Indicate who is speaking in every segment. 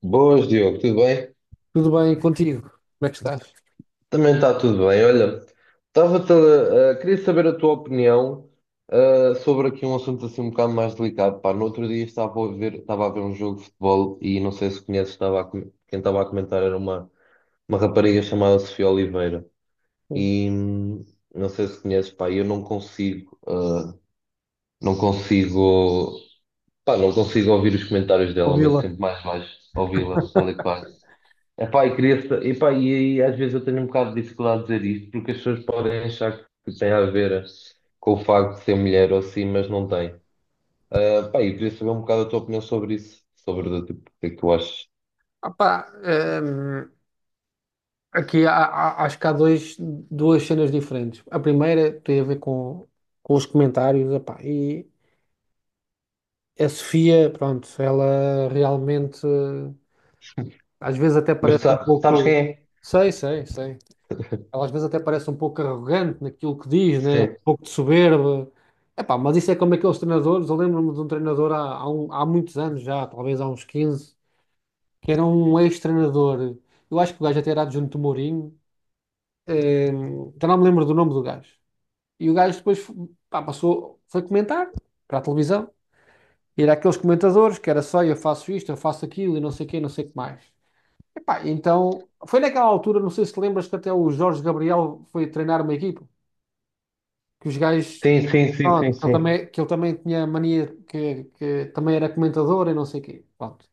Speaker 1: Boas, Diogo, tudo bem?
Speaker 2: Tudo bem contigo? Como é que estás?
Speaker 1: Também está tudo bem. Olha, queria saber a tua opinião sobre aqui um assunto assim um bocado mais delicado. Pá, no outro dia estava a ver um jogo de futebol e não sei se conheces, quem estava a comentar era uma rapariga chamada Sofia Oliveira. E não sei se conheces, pá, eu não consigo, ah, não consigo, pá, não consigo ouvir os comentários dela, mas
Speaker 2: Ouvi-la.
Speaker 1: sempre mais baixo ouvi-la, tal e qual. Epá, e, queria, sa- epá, e às vezes eu tenho um bocado de dificuldade de dizer isto, porque as pessoas podem achar que tem a ver com o facto de ser mulher ou assim, mas não tem. Ah, pá, e queria saber um bocado a tua opinião sobre isso, sobre o tipo, o que é que tu achas.
Speaker 2: Opá, hum, aqui acho que há duas cenas diferentes. A primeira tem a ver com os comentários. Opá, e a Sofia, pronto, ela realmente às vezes até
Speaker 1: Mas
Speaker 2: parece um
Speaker 1: sabes quem
Speaker 2: pouco.
Speaker 1: é?
Speaker 2: Sei, sei, sei. Ela às vezes até parece um pouco arrogante naquilo que diz, né? Um pouco de soberba. Epá, mas isso é como aqueles treinadores. Eu lembro-me de um treinador há muitos anos já, talvez há uns 15, que era um ex-treinador. Eu acho que o gajo até era adjunto do Mourinho. eh, Já não me lembro do nome do gajo. E o gajo depois pá, passou, foi comentar para a televisão. E era aqueles comentadores que era só eu faço isto, eu faço aquilo e não sei o quê, não sei o que mais. Epá, então, foi naquela altura, não sei se te lembras, que até o Jorge Gabriel foi treinar uma equipa, que os gajos,
Speaker 1: Sim, sim, sim, sim, sim.
Speaker 2: pronto, que ele
Speaker 1: Sim.
Speaker 2: também, que ele também tinha mania, que também era comentador e não sei o quê. Pronto.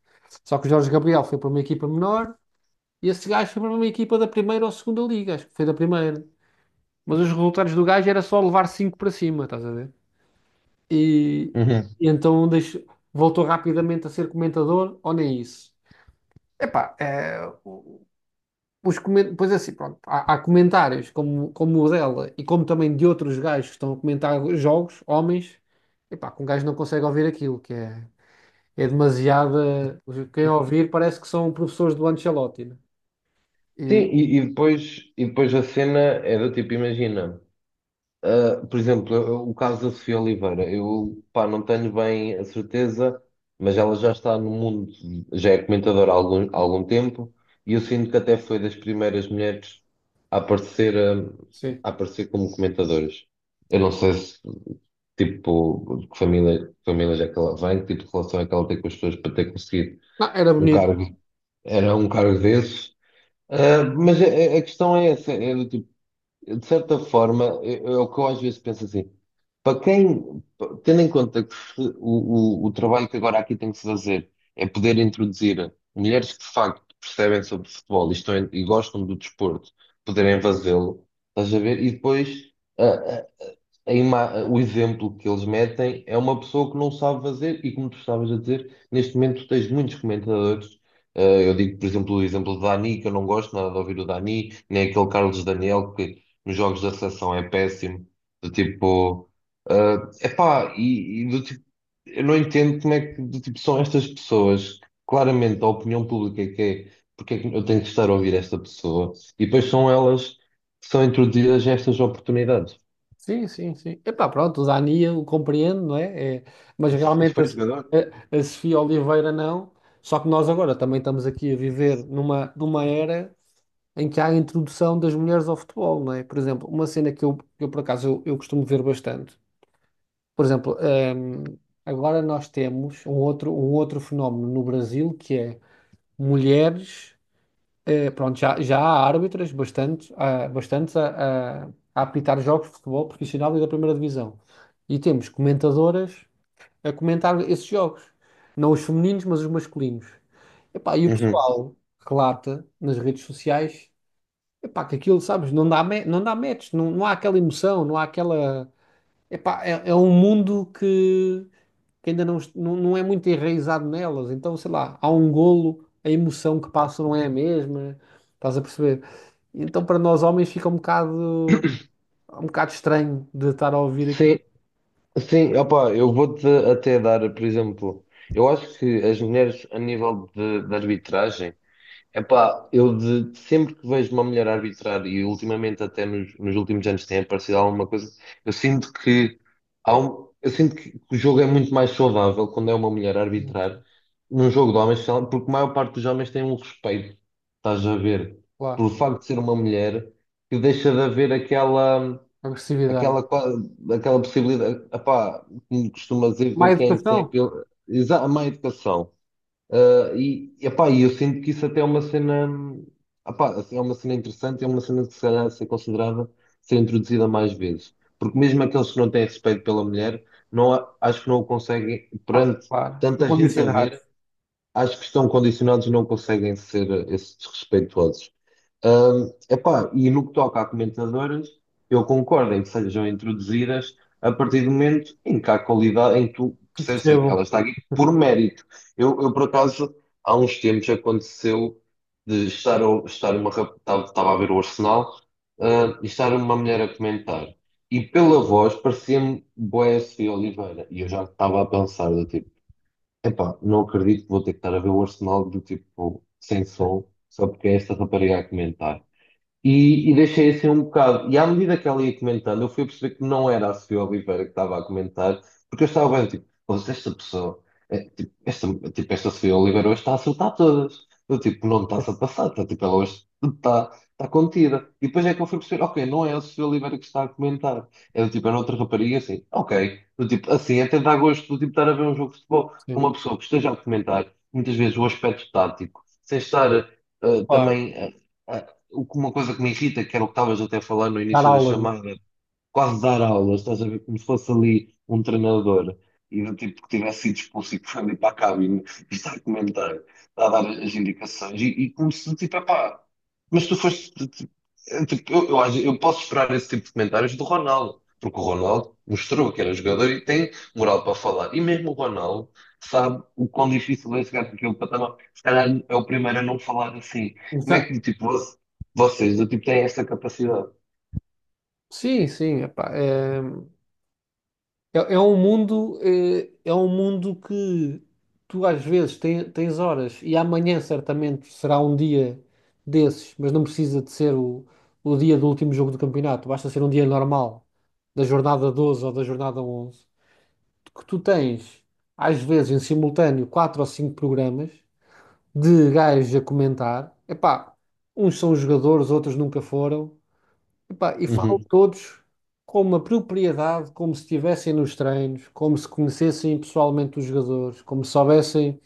Speaker 2: Só que o Jorge Gabriel foi para uma equipa menor. E esse gajo foi para uma equipa da primeira ou segunda liga, acho que foi da primeira. Mas os resultados do gajo era só levar 5 para cima, estás a ver? E,
Speaker 1: Uhum.
Speaker 2: e então deixo- voltou rapidamente a ser comentador, ou nem isso. Epá, é, o- os comen- pois é assim, pronto, há, há comentários como, como o dela e como também de outros gajos que estão a comentar jogos, homens, epá, que um gajo não consegue ouvir aquilo, que é, é demasiada. Quem ouvir parece que são professores do Ancelotti, né?
Speaker 1: Sim,
Speaker 2: E,
Speaker 1: e depois a cena é do tipo, imagina. Por exemplo, o caso da Sofia Oliveira, eu pá, não tenho bem a certeza, mas ela já está no mundo, já é comentadora há algum tempo, e eu sinto que até foi das primeiras mulheres a aparecer, um,
Speaker 2: sim.
Speaker 1: a aparecer como comentadoras. Eu não sei se, tipo, de que família é que ela vem, que tipo de relação é que ela tem com as pessoas para ter conseguido
Speaker 2: Não, era
Speaker 1: um
Speaker 2: bonito.
Speaker 1: cargo, era um cargo desses. Mas a questão é essa, é do tipo. De certa forma, é o que eu às vezes penso assim, tendo em conta que se- o trabalho que agora aqui tem que se fazer é poder introduzir mulheres que de facto percebem sobre futebol e gostam do desporto, poderem fazê-lo, estás a ver? E depois o exemplo que eles metem é uma pessoa que não sabe fazer, e como tu estavas a dizer, neste momento tens muitos comentadores. Eu digo, por exemplo, o exemplo do Dani, que eu não gosto nada de ouvir o Dani, nem aquele Carlos Daniel, que nos jogos da seleção é péssimo, do tipo, é epá, e do tipo, eu não entendo como é que do tipo, são estas pessoas, que claramente a opinião pública é que é, porque é que eu tenho que estar a ouvir esta pessoa, e depois são elas que são introduzidas a estas oportunidades.
Speaker 2: Sim, sim, sim. Epá, pronto, o Dani eu compreendo, não é? É, mas
Speaker 1: Se
Speaker 2: realmente a,
Speaker 1: foi jogador?
Speaker 2: a- a Sofia Oliveira não. Só que nós agora também estamos aqui a viver numa era em que há a introdução das mulheres ao futebol, não é? Por exemplo, uma cena que eu por acaso eu costumo ver bastante. Por exemplo, agora nós temos um outro fenómeno no Brasil, que é mulheres. Pronto, já há árbitras bastantes a apitar jogos de futebol profissional e da primeira divisão. E temos comentadoras a comentar esses jogos. Não os femininos, mas os masculinos. Epá, e o
Speaker 1: Uhum.
Speaker 2: pessoal relata nas redes sociais, epá, que aquilo, sabes, não dá, não dá match, não há aquela emoção, não há aquela... Epá, é um mundo que ainda não é muito enraizado nelas. Então, sei lá, há um golo, a emoção que passa não é a mesma, estás a perceber? Então, para nós homens, fica um bocado estranho de estar a ouvir aqui,
Speaker 1: Sim, sim, opá, eu vou-te até dar, por exemplo, eu acho que as mulheres a nível de arbitragem, epá, sempre que vejo uma mulher arbitrar e ultimamente até nos últimos anos tem aparecido alguma coisa, eu sinto que eu sinto que o jogo é muito mais saudável quando é uma mulher a arbitrar num jogo de homens, sei lá, porque a maior parte dos homens tem um respeito, estás a ver,
Speaker 2: claro,
Speaker 1: pelo facto de ser uma mulher, que deixa de haver aquela.
Speaker 2: agressividade.
Speaker 1: aquela, qua- aquela possibilidade, epá, como costuma dizer,
Speaker 2: Má
Speaker 1: ver quem tem
Speaker 2: educação?
Speaker 1: a má educação. Ah, e eu sinto que isso até é uma cena, epá, assim, é uma cena interessante, é uma cena que se calhar deve ser considerada, ser introduzida mais vezes. Porque mesmo aqueles que não têm respeito pela mulher, não, acho que não o conseguem,
Speaker 2: Ah,
Speaker 1: perante
Speaker 2: claro, estou
Speaker 1: tanta gente a
Speaker 2: condicionado,
Speaker 1: ver, acho que estão condicionados e não conseguem ser esses desrespeitosos. Epá, e no que toca a comentadoras, eu concordo em que sejam introduzidas a partir do momento em que há qualidade, em que tu
Speaker 2: que
Speaker 1: percebes assim,
Speaker 2: percebo,
Speaker 1: ela está aqui por mérito. Eu, por acaso, há uns tempos aconteceu de estar, a- estar uma rap- estava estava a ver o Arsenal, e estar uma mulher a comentar. E pela voz parecia-me Boécio Oliveira. E eu já estava a pensar do tipo, epá, não acredito que vou ter que estar a ver o Arsenal do tipo sem som, só porque é esta rapariga a comentar. E deixei assim um bocado. E à medida que ela ia comentando, eu fui a perceber que não era a Sofia Oliveira que estava a comentar, porque eu estava bem, tipo, "Ouça, esta pessoa, é, tipo, tipo, esta Sofia Oliveira hoje está a acertar todas. Eu, tipo, não me está-se a passar, tipo, ela hoje está contida. E depois é que eu fui perceber, ok, não é a Sofia Oliveira que está a comentar, é do tipo, era outra rapariga, assim, ok. Do tipo, assim, até dá gosto do tipo estar a ver um jogo de futebol com
Speaker 2: sim,
Speaker 1: uma pessoa que esteja a comentar, muitas vezes, o aspecto tático, sem estar
Speaker 2: claro,
Speaker 1: também. A uma coisa que me irrita, que era o que estavas até a falar no
Speaker 2: dar
Speaker 1: início da
Speaker 2: aulas, né?
Speaker 1: chamada, quase dar aulas, estás a ver? Como se fosse ali um treinador e do tipo que tivesse sido expulso e que foi ali para a cabine e está a comentar, está a dar as indicações e como se tipo, epá, mas tu foste. Tipo, é, tipo, eu posso esperar esse tipo de comentários do Ronaldo, porque o Ronaldo mostrou que era jogador e tem moral para falar. E mesmo o Ronaldo sabe o quão difícil é chegar para aquele patamar. Se calhar é o primeiro a não falar assim. Como é
Speaker 2: Exa-
Speaker 1: que tipo, vocês do tipo, têm essa capacidade?
Speaker 2: Sim, sim, epá, É um mundo que tu às vezes tens horas, e amanhã certamente será um dia desses, mas não precisa de ser o dia do último jogo do campeonato, basta ser um dia normal, da jornada 12 ou da jornada 11. Que tu tens às vezes em simultâneo quatro ou cinco programas de gajos a comentar. Epá, uns são jogadores, outros nunca foram. Epá, e falam
Speaker 1: Uhum.
Speaker 2: todos com uma propriedade, como se estivessem nos treinos, como se conhecessem pessoalmente os jogadores, como se soubessem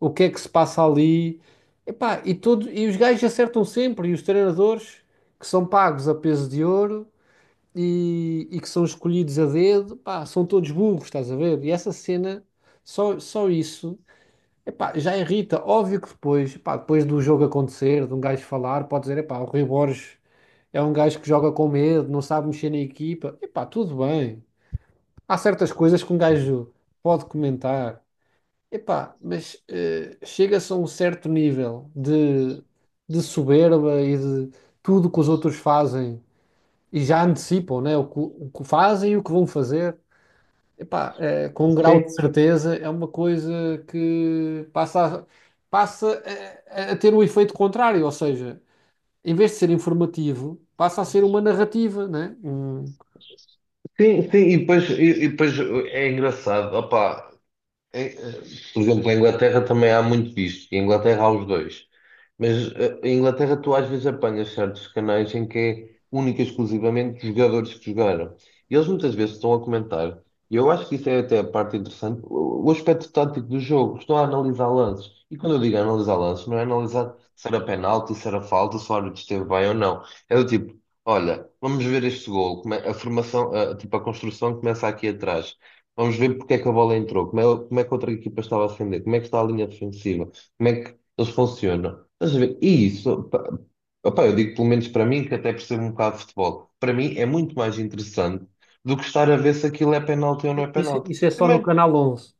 Speaker 2: o que é que se passa ali. Epá, e os gajos acertam sempre, e os treinadores que são pagos a peso de ouro, e que são escolhidos a dedo, pá, são todos burros, estás a ver? E essa cena, só isso, epá, já irrita. Óbvio que depois, pá, depois do jogo acontecer, de um gajo falar, pode dizer, epá, o Rui Borges é um gajo que joga com medo, não sabe mexer na equipa. Epá, tudo bem. Há certas coisas que um gajo pode comentar. Epá, mas chega-se a um certo nível de soberba, e de tudo que os outros fazem e já antecipam, né? O que fazem e o que vão fazer. Epá, eh, com um grau de
Speaker 1: Sim,
Speaker 2: certeza, é uma coisa que passa a, passa ter o efeito contrário, ou seja, em vez de ser informativo, passa a ser uma narrativa, né?
Speaker 1: sim, sim, e depois é engraçado, opá, em, eh, Por exemplo, na Inglaterra também há muito disto. E em Inglaterra há os dois. Mas em Inglaterra tu às vezes apanhas certos canais em que é única e exclusivamente os jogadores que jogaram. E eles muitas vezes estão a comentar. E eu acho que isso é até a parte interessante. O aspecto tático do jogo. Estão a analisar lances. E quando eu digo analisar lances, não é analisar se era penalti, se era falta, se o árbitro esteve bem ou não. É do tipo, olha, vamos ver este gol. A formação, tipo, a construção começa aqui atrás. Vamos ver porque é que a bola entrou, como é que a outra equipa estava a defender, como é que está a linha defensiva, como é que eles funcionam. Estás a ver? E isso, pá, opá, eu digo pelo menos para mim, que até percebo um bocado de futebol, para mim é muito mais interessante do que estar a ver se aquilo é penalti ou não é
Speaker 2: Isso,
Speaker 1: penalti.
Speaker 2: isso é só no
Speaker 1: Primeiro.
Speaker 2: Canal 11.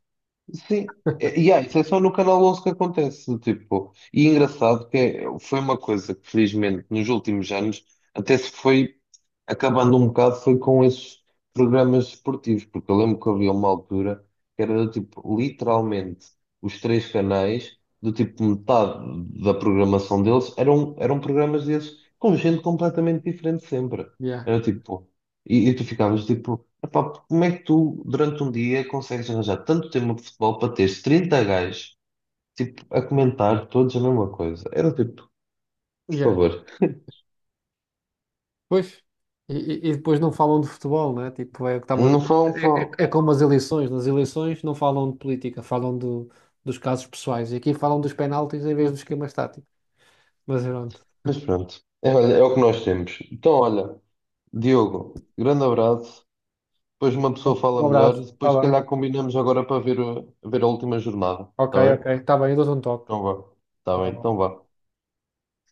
Speaker 1: Sim, isso é só no Canal 11 que acontece, tipo, e engraçado que foi uma coisa que felizmente nos últimos anos até se foi acabando um bocado foi com esses programas esportivos, porque eu lembro que havia uma altura que era do tipo literalmente os três canais, do tipo metade da programação deles eram programas desses com gente completamente diferente sempre.
Speaker 2: Yeah,
Speaker 1: Era tipo, e tu ficavas tipo. Epá, como é que tu, durante um dia, consegues arranjar tanto tempo de futebol para teres 30 gajos, tipo, a comentar todos a mesma coisa? Era tipo, por
Speaker 2: yeah.
Speaker 1: favor,
Speaker 2: Pois. E depois não falam de futebol, né? Tipo, é, o que estava,
Speaker 1: não falam,
Speaker 2: é,
Speaker 1: falam.
Speaker 2: é é como as eleições. Nas eleições não falam de política, falam dos casos pessoais. E aqui falam dos penaltis em vez dos esquemas táticos. Mas pronto.
Speaker 1: Mas pronto, é, olha, é o que nós temos. Então, olha, Diogo, grande abraço. Depois uma pessoa fala
Speaker 2: Um
Speaker 1: melhor
Speaker 2: abraço.
Speaker 1: e
Speaker 2: Tá
Speaker 1: depois, se
Speaker 2: bem.
Speaker 1: calhar, combinamos agora para ver, ver a última jornada.
Speaker 2: Ok,
Speaker 1: Está bem?
Speaker 2: ok. Está bem, eu dou-te um toque.
Speaker 1: Então vá. Está
Speaker 2: Tá
Speaker 1: bem, então
Speaker 2: bom.
Speaker 1: vá.